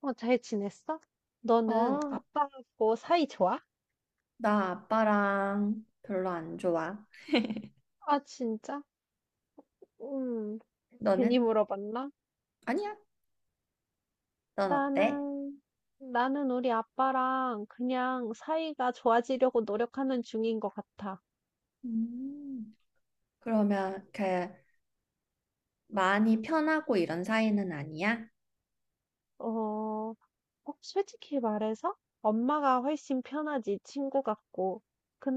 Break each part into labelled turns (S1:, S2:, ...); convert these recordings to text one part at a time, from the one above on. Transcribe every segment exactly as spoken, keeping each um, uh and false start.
S1: 어, 잘 지냈어? 너는
S2: 어,
S1: 아빠하고 사이 좋아?
S2: 나 아빠랑 별로 안 좋아.
S1: 아, 진짜? 음, 괜히
S2: 너는?
S1: 물어봤나?
S2: 아니야. 넌 어때?
S1: 나는, 나는 우리 아빠랑 그냥 사이가 좋아지려고 노력하는 중인 것 같아.
S2: 음, 그러면 그 많이 편하고 이런 사이는 아니야?
S1: 어, 어 솔직히 말해서 엄마가 훨씬 편하지 친구 같고.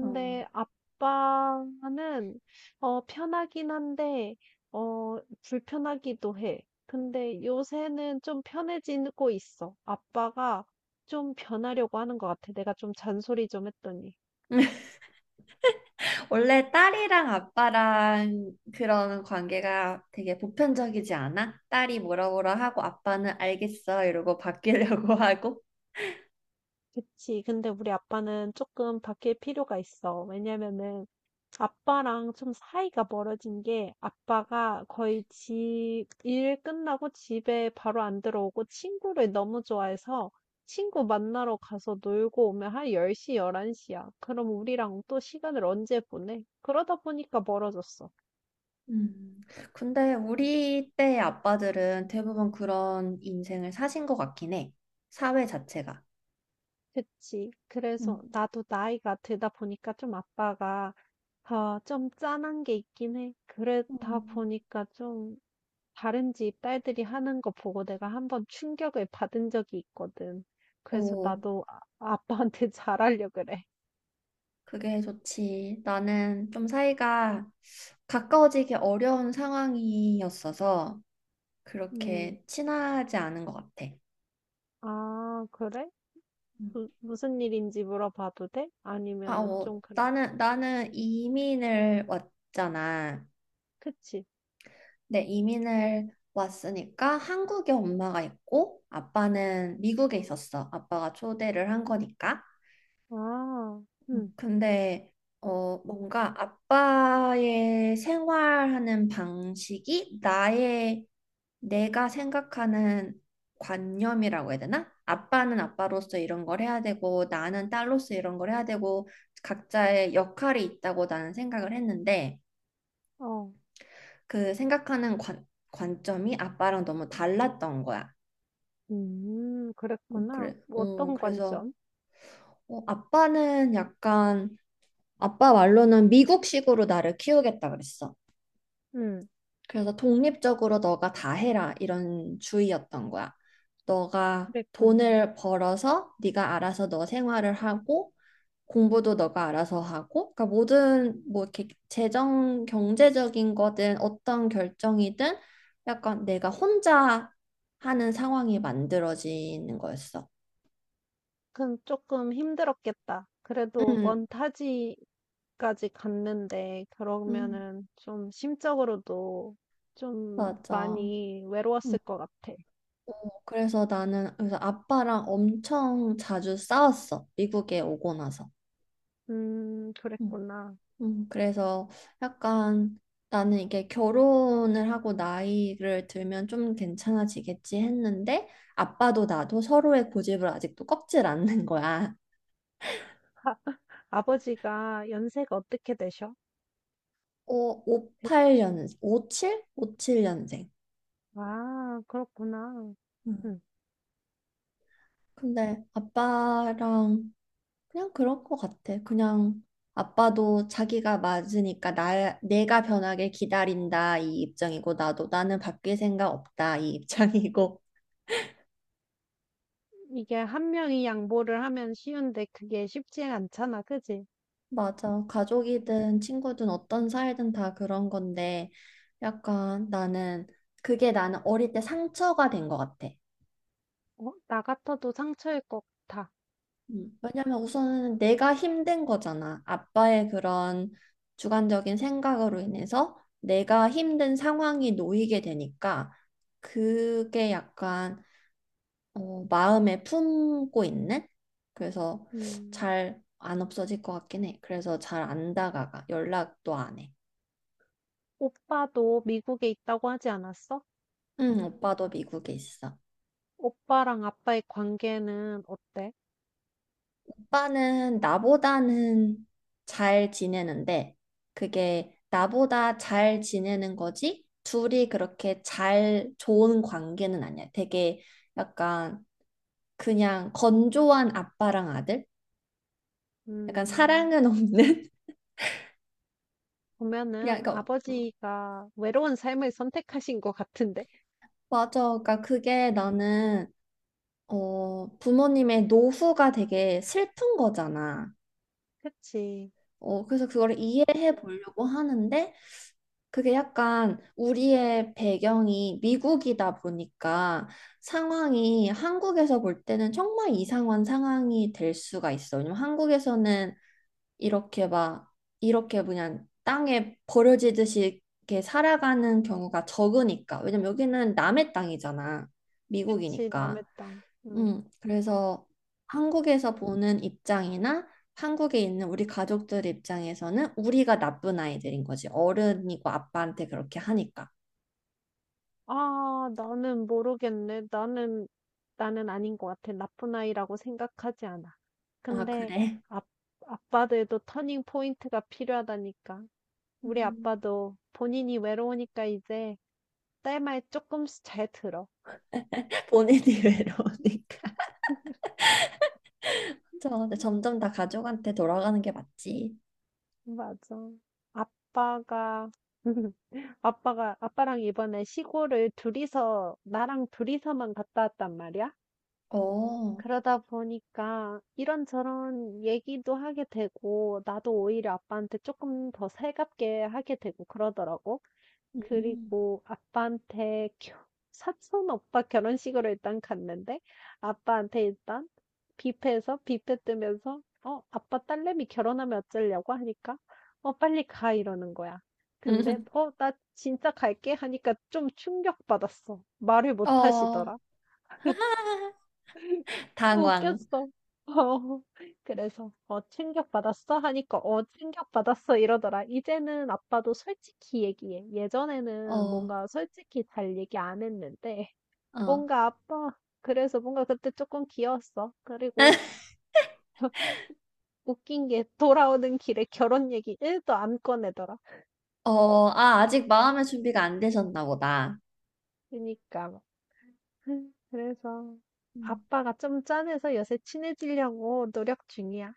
S2: 어.
S1: 아빠는 어 편하긴 한데 어 불편하기도 해. 근데 요새는 좀 편해지고 있어. 아빠가 좀 변하려고 하는 것 같아. 내가 좀 잔소리 좀 했더니.
S2: 원래 딸이랑 아빠랑 그런 관계가 되게 보편적이지 않아? 딸이 뭐라 뭐라 하고 아빠는 알겠어 이러고 바뀌려고 하고.
S1: 그치. 근데 우리 아빠는 조금 바뀔 필요가 있어. 왜냐면은 아빠랑 좀 사이가 멀어진 게 아빠가 거의 지, 일 끝나고 집에 바로 안 들어오고 친구를 너무 좋아해서 친구 만나러 가서 놀고 오면 한 열 시, 열한 시야. 그럼 우리랑 또 시간을 언제 보내? 그러다 보니까 멀어졌어.
S2: 음, 근데 우리 때의 아빠들은 대부분 그런 인생을 사신 것 같긴 해. 사회 자체가.
S1: 그치. 그래서
S2: 음.
S1: 나도 나이가 들다 보니까 좀 아빠가 아, 좀 짠한 게 있긴 해. 그러다
S2: 음.
S1: 보니까 좀 다른 집 딸들이 하는 거 보고 내가 한번 충격을 받은 적이 있거든. 그래서
S2: 오,
S1: 나도 아, 아빠한테 잘하려 그래.
S2: 그게 좋지. 나는 좀 사이가 가까워지기 어려운 상황이었어서
S1: 음,
S2: 그렇게 친하지 않은 것 같아.
S1: 아, 그래?
S2: 음.
S1: 무, 무슨 일인지 물어봐도 돼?
S2: 아,
S1: 아니면은
S2: 어,
S1: 좀 그런.
S2: 나는, 나는 이민을 왔잖아.
S1: 그치?
S2: 네, 이민을 왔으니까 한국에 엄마가 있고 아빠는 미국에 있었어. 아빠가 초대를 한 거니까.
S1: 아, 응,
S2: 근데 어 뭔가 아빠의 생활하는 방식이 나의 내가 생각하는 관념이라고 해야 되나? 아빠는 아빠로서 이런 걸 해야 되고 나는 딸로서 이런 걸 해야 되고 각자의 역할이 있다고 나는 생각을 했는데
S1: 어,
S2: 그 생각하는 관, 관점이 아빠랑 너무 달랐던 거야.
S1: 음,
S2: 음,
S1: 그랬구나.
S2: 그래,
S1: 뭐
S2: 어,
S1: 어떤
S2: 그래서
S1: 관점?
S2: 어, 아빠는 약간 아빠 말로는 미국식으로 나를 키우겠다 그랬어.
S1: 응,
S2: 그래서 독립적으로 너가 다 해라 이런 주의였던 거야. 너가
S1: 그랬구나.
S2: 돈을 벌어서 네가 알아서 너 생활을 하고 공부도 너가 알아서 하고 그러니까 모든 뭐 이렇게 재정 경제적인 거든 어떤 결정이든 약간 내가 혼자 하는 상황이 만들어지는 거였어.
S1: 그건 쪼 힘들었겠다. 그래도
S2: 응,
S1: 먼 타지까지 갔는데
S2: 음,
S1: 그러면은 좀 심적으로도 좀
S2: 맞아.
S1: 많이
S2: 음,
S1: 외로웠을 것 같아.
S2: 그래서 나는 그래서 아빠랑 엄청 자주 싸웠어. 미국에 오고 나서.
S1: 음,
S2: 음.
S1: 그랬구나.
S2: 음, 그래서 약간 나는 이게 결혼을 하고 나이를 들면 좀 괜찮아지겠지 했는데 아빠도 나도 서로의 고집을 아직도 꺾질 않는 거야.
S1: 아버지가 연세가 어떻게 되셔?
S2: 오,
S1: 대충.
S2: 오십팔 년, 오십칠? 오십칠 년생.
S1: 아, 그렇구나.
S2: 음.
S1: 응.
S2: 근데 아빠랑 그냥 그럴 것 같아. 그냥 아빠도 자기가 맞으니까 나, 내가 변하길 기다린다 이 입장이고 나도 나는 바뀔 생각 없다 이 입장이고
S1: 이게 한 명이 양보를 하면 쉬운데 그게 쉽지 않잖아, 그지?
S2: 맞아. 가족이든 친구든 어떤 사이든 다 그런 건데, 약간 나는, 그게 나는 어릴 때 상처가 된 것 같아.
S1: 어? 나 같아도 상처일 것 같아.
S2: 음, 왜냐면 우선은 내가 힘든 거잖아. 아빠의 그런 주관적인 생각으로 인해서 내가 힘든 상황이 놓이게 되니까, 그게 약간, 어, 마음에 품고 있는? 그래서
S1: 음.
S2: 잘 안 없어질 것 같긴 해. 그래서 잘 안 다가가. 연락도 안 해.
S1: 오빠도 미국에 있다고 하지 않았어?
S2: 응, 오빠도 미국에 있어.
S1: 오빠랑 아빠의 관계는 어때?
S2: 오빠는 나보다는 잘 지내는데, 그게 나보다 잘 지내는 거지, 둘이 그렇게 잘 좋은 관계는 아니야. 되게 약간 그냥 건조한 아빠랑 아들? 약간
S1: 음,
S2: 사랑은 없는? 그냥,
S1: 보면은
S2: 그러니까, 음,
S1: 아버지가 외로운 삶을 선택하신 것 같은데.
S2: 맞아. 그러니까 그게 나는, 어, 부모님의 노후가 되게 슬픈 거잖아.
S1: 그치,
S2: 어, 그래서 그걸 이해해 보려고 하는데, 그게 약간 우리의 배경이 미국이다 보니까 상황이 한국에서 볼 때는 정말 이상한 상황이 될 수가 있어. 왜냐면 한국에서는 이렇게 막 이렇게 그냥 땅에 버려지듯이 이렇게 살아가는 경우가 적으니까. 왜냐면 여기는 남의 땅이잖아.
S1: 그치, 남의
S2: 미국이니까.
S1: 땅. 음.
S2: 음, 그래서 한국에서 보는 입장이나 한국에 있는 우리 가족들 입장에서는 우리가 나쁜 아이들인 거지. 어른이고 아빠한테 그렇게 하니까.
S1: 아, 나는 모르겠네. 나는, 나는 아닌 것 같아. 나쁜 아이라고 생각하지 않아.
S2: 아,
S1: 근데,
S2: 그래.
S1: 아, 아빠들도 터닝 포인트가 필요하다니까. 우리
S2: 음.
S1: 아빠도 본인이 외로우니까 이제 딸 말 조금씩 잘 들어.
S2: 본인이 외로우니까. 저 근데 점점 다 가족한테 돌아가는 게 맞지.
S1: 맞아. 아빠가, 아빠가, 아빠랑 이번에 시골을 둘이서, 나랑 둘이서만 갔다 왔단 말이야?
S2: 어.
S1: 그러다 보니까 이런저런 얘기도 하게 되고, 나도 오히려 아빠한테 조금 더 살갑게 하게 되고 그러더라고.
S2: 음.
S1: 그리고 아빠한테 겨 사촌 오빠 결혼식으로 일단 갔는데 아빠한테 일단 뷔페에서 뷔페 뜨면서 어 아빠 딸내미 결혼하면 어쩌려고 하니까 어 빨리 가 이러는 거야. 근데 어 나 진짜 갈게 하니까 좀 충격받았어. 말을
S2: 음.
S1: 못
S2: 어,
S1: 하시더라.
S2: 당황.
S1: 웃겼어. 어. 그래서 "어 충격받았어?" 하니까 "어 충격받았어." 이러더라. "이제는 아빠도 솔직히 얘기해." 예전에는
S2: 어,
S1: 뭔가 솔직히 잘 얘기 안 했는데
S2: 어.
S1: 뭔가 아빠 그래서 뭔가 그때 조금 귀여웠어. 그리고 웃긴 게 돌아오는 길에 결혼 얘기 일도 안 꺼내더라.
S2: 어, 아, 아직 마음의 준비가 안 되셨나 보다.
S1: 그니까 러 그래서 아빠가 좀 짠해서 요새 친해지려고 노력 중이야.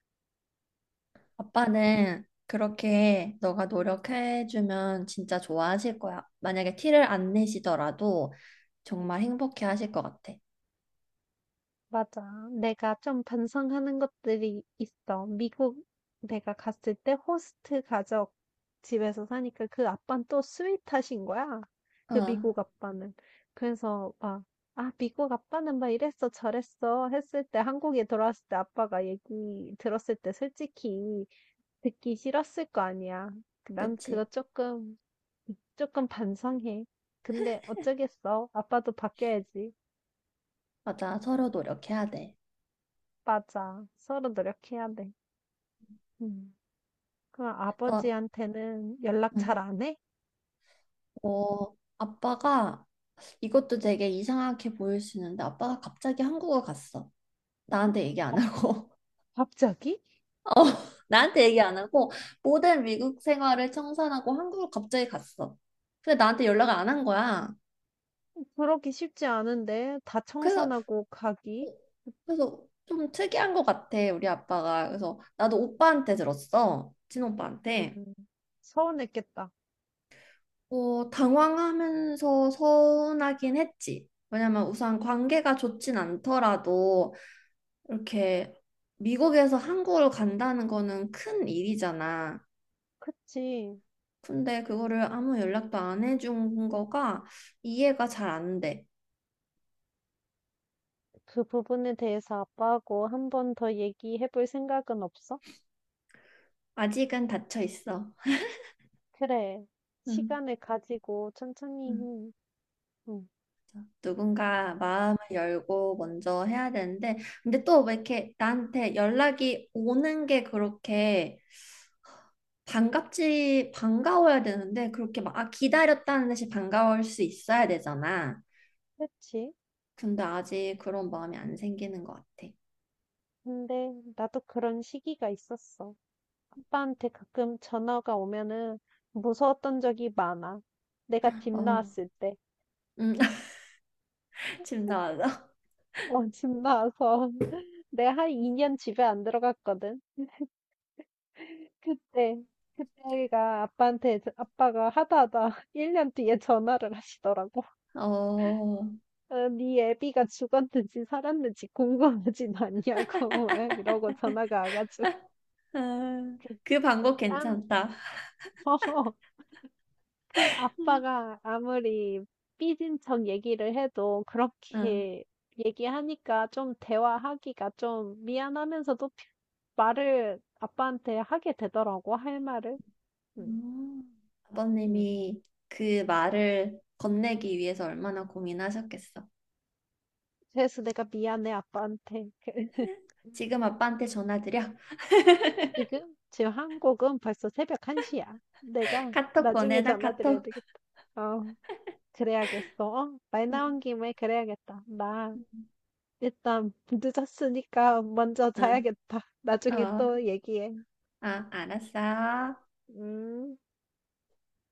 S2: 아빠는 그렇게 너가 노력해주면 진짜 좋아하실 거야. 만약에 티를 안 내시더라도 정말 행복해 하실 것 같아.
S1: 맞아. 내가 좀 반성하는 것들이 있어. 미국 내가 갔을 때 호스트 가족 집에서 사니까 그 아빠는 또 스윗하신 거야. 그
S2: 응,
S1: 미국 아빠는. 그래서 막, 아, 미국 아빠는 막 이랬어, 저랬어 했을 때 한국에 돌아왔을 때 아빠가 얘기 들었을 때 솔직히 듣기 싫었을 거 아니야. 난 그거
S2: 그치.
S1: 조금, 조금 반성해. 근데 어쩌겠어. 아빠도 바뀌어야지.
S2: 맞아. 서로 노력해야 돼.
S1: 맞아. 서로 노력해야 돼. 음. 그럼
S2: 너,
S1: 아버지한테는 연락 잘
S2: 응.
S1: 안 해?
S2: 어, 아빠가 이것도 되게 이상하게 보일 수 있는데 아빠가 갑자기 한국을 갔어. 나한테 얘기 안
S1: 갑-
S2: 하고.
S1: 갑자기?
S2: 어, 나한테 얘기 안 하고 모든 미국 생활을 청산하고 한국을 갑자기 갔어. 근데 나한테 연락을 안 한 거야.
S1: 그러기 쉽지 않은데 다
S2: 그래서
S1: 청산하고
S2: 어,
S1: 가기?
S2: 그래서 좀 특이한 것 같아, 우리 아빠가. 그래서 나도 오빠한테 들었어.
S1: 음,
S2: 친오빠한테.
S1: 서운했겠다.
S2: 어, 당황하면서 서운하긴 했지. 왜냐면 우선 관계가 좋진 않더라도 이렇게 미국에서 한국으로 간다는 거는 큰 일이잖아.
S1: 그치.
S2: 근데 그거를 아무 연락도 안 해준 거가 이해가 잘 안 돼.
S1: 그 부분에 대해서 아빠하고 한번 더 얘기해 볼 생각은 없어?
S2: 아직은 닫혀 있어.
S1: 그래.
S2: 응.
S1: 시간을 가지고 천천히.
S2: 응.
S1: 해. 응,
S2: 누군가 마음을 열고 먼저 해야 되는데, 근데 또 왜 이렇게 나한테 연락이 오는 게 그렇게 반갑지, 반가워야 되는데, 그렇게 막, 아, 기다렸다는 듯이 반가울 수 있어야 되잖아.
S1: 그치.
S2: 근데 아직 그런 마음이 안 생기는 것 같아.
S1: 근데 나도 그런 시기가 있었어. 아빠한테 가끔 전화가 오면은 무서웠던 적이 많아. 내가 집
S2: 어,
S1: 나왔을 때.
S2: 음, 지금 나와서.
S1: 어, 집 나와서 내가 한 이 년 집에 안 들어갔거든. 그때, 그때가 아빠한테, 저- 아빠가 하다 하다 일 년 뒤에 전화를 하시더라고.
S2: 어,
S1: 어, 네 애비가 죽었는지 살았는지 궁금하진 않냐고 막 이러고 전화가 와가지고
S2: 아, 그 방법
S1: 그땀
S2: 괜찮다.
S1: 그 아빠가 아무리 삐진 척 얘기를 해도
S2: 응.
S1: 그렇게 얘기하니까 좀 대화하기가 좀 미안하면서도 피- 말을 아빠한테 하게 되더라고, 할 말을. 음,
S2: 음.
S1: 음.
S2: 아버님이 그 말을 건네기 위해서 얼마나 고민하셨겠어.
S1: 그래서 내가 미안해, 아빠한테.
S2: 지금 아빠한테 전화 드려.
S1: 지금, 지금 한국은 벌써 새벽 한 시야. 내가
S2: 카톡
S1: 나중에
S2: 보내나
S1: 전화드려야
S2: 카톡.
S1: 되겠다. 어, 그래야겠어. 어, 말
S2: 응,
S1: 나온 김에 그래야겠다. 나
S2: 응,
S1: 일단 늦었으니까 먼저
S2: 응.
S1: 자야겠다. 나중에
S2: 어,
S1: 또 얘기해.
S2: 아, 알았어.
S1: 음.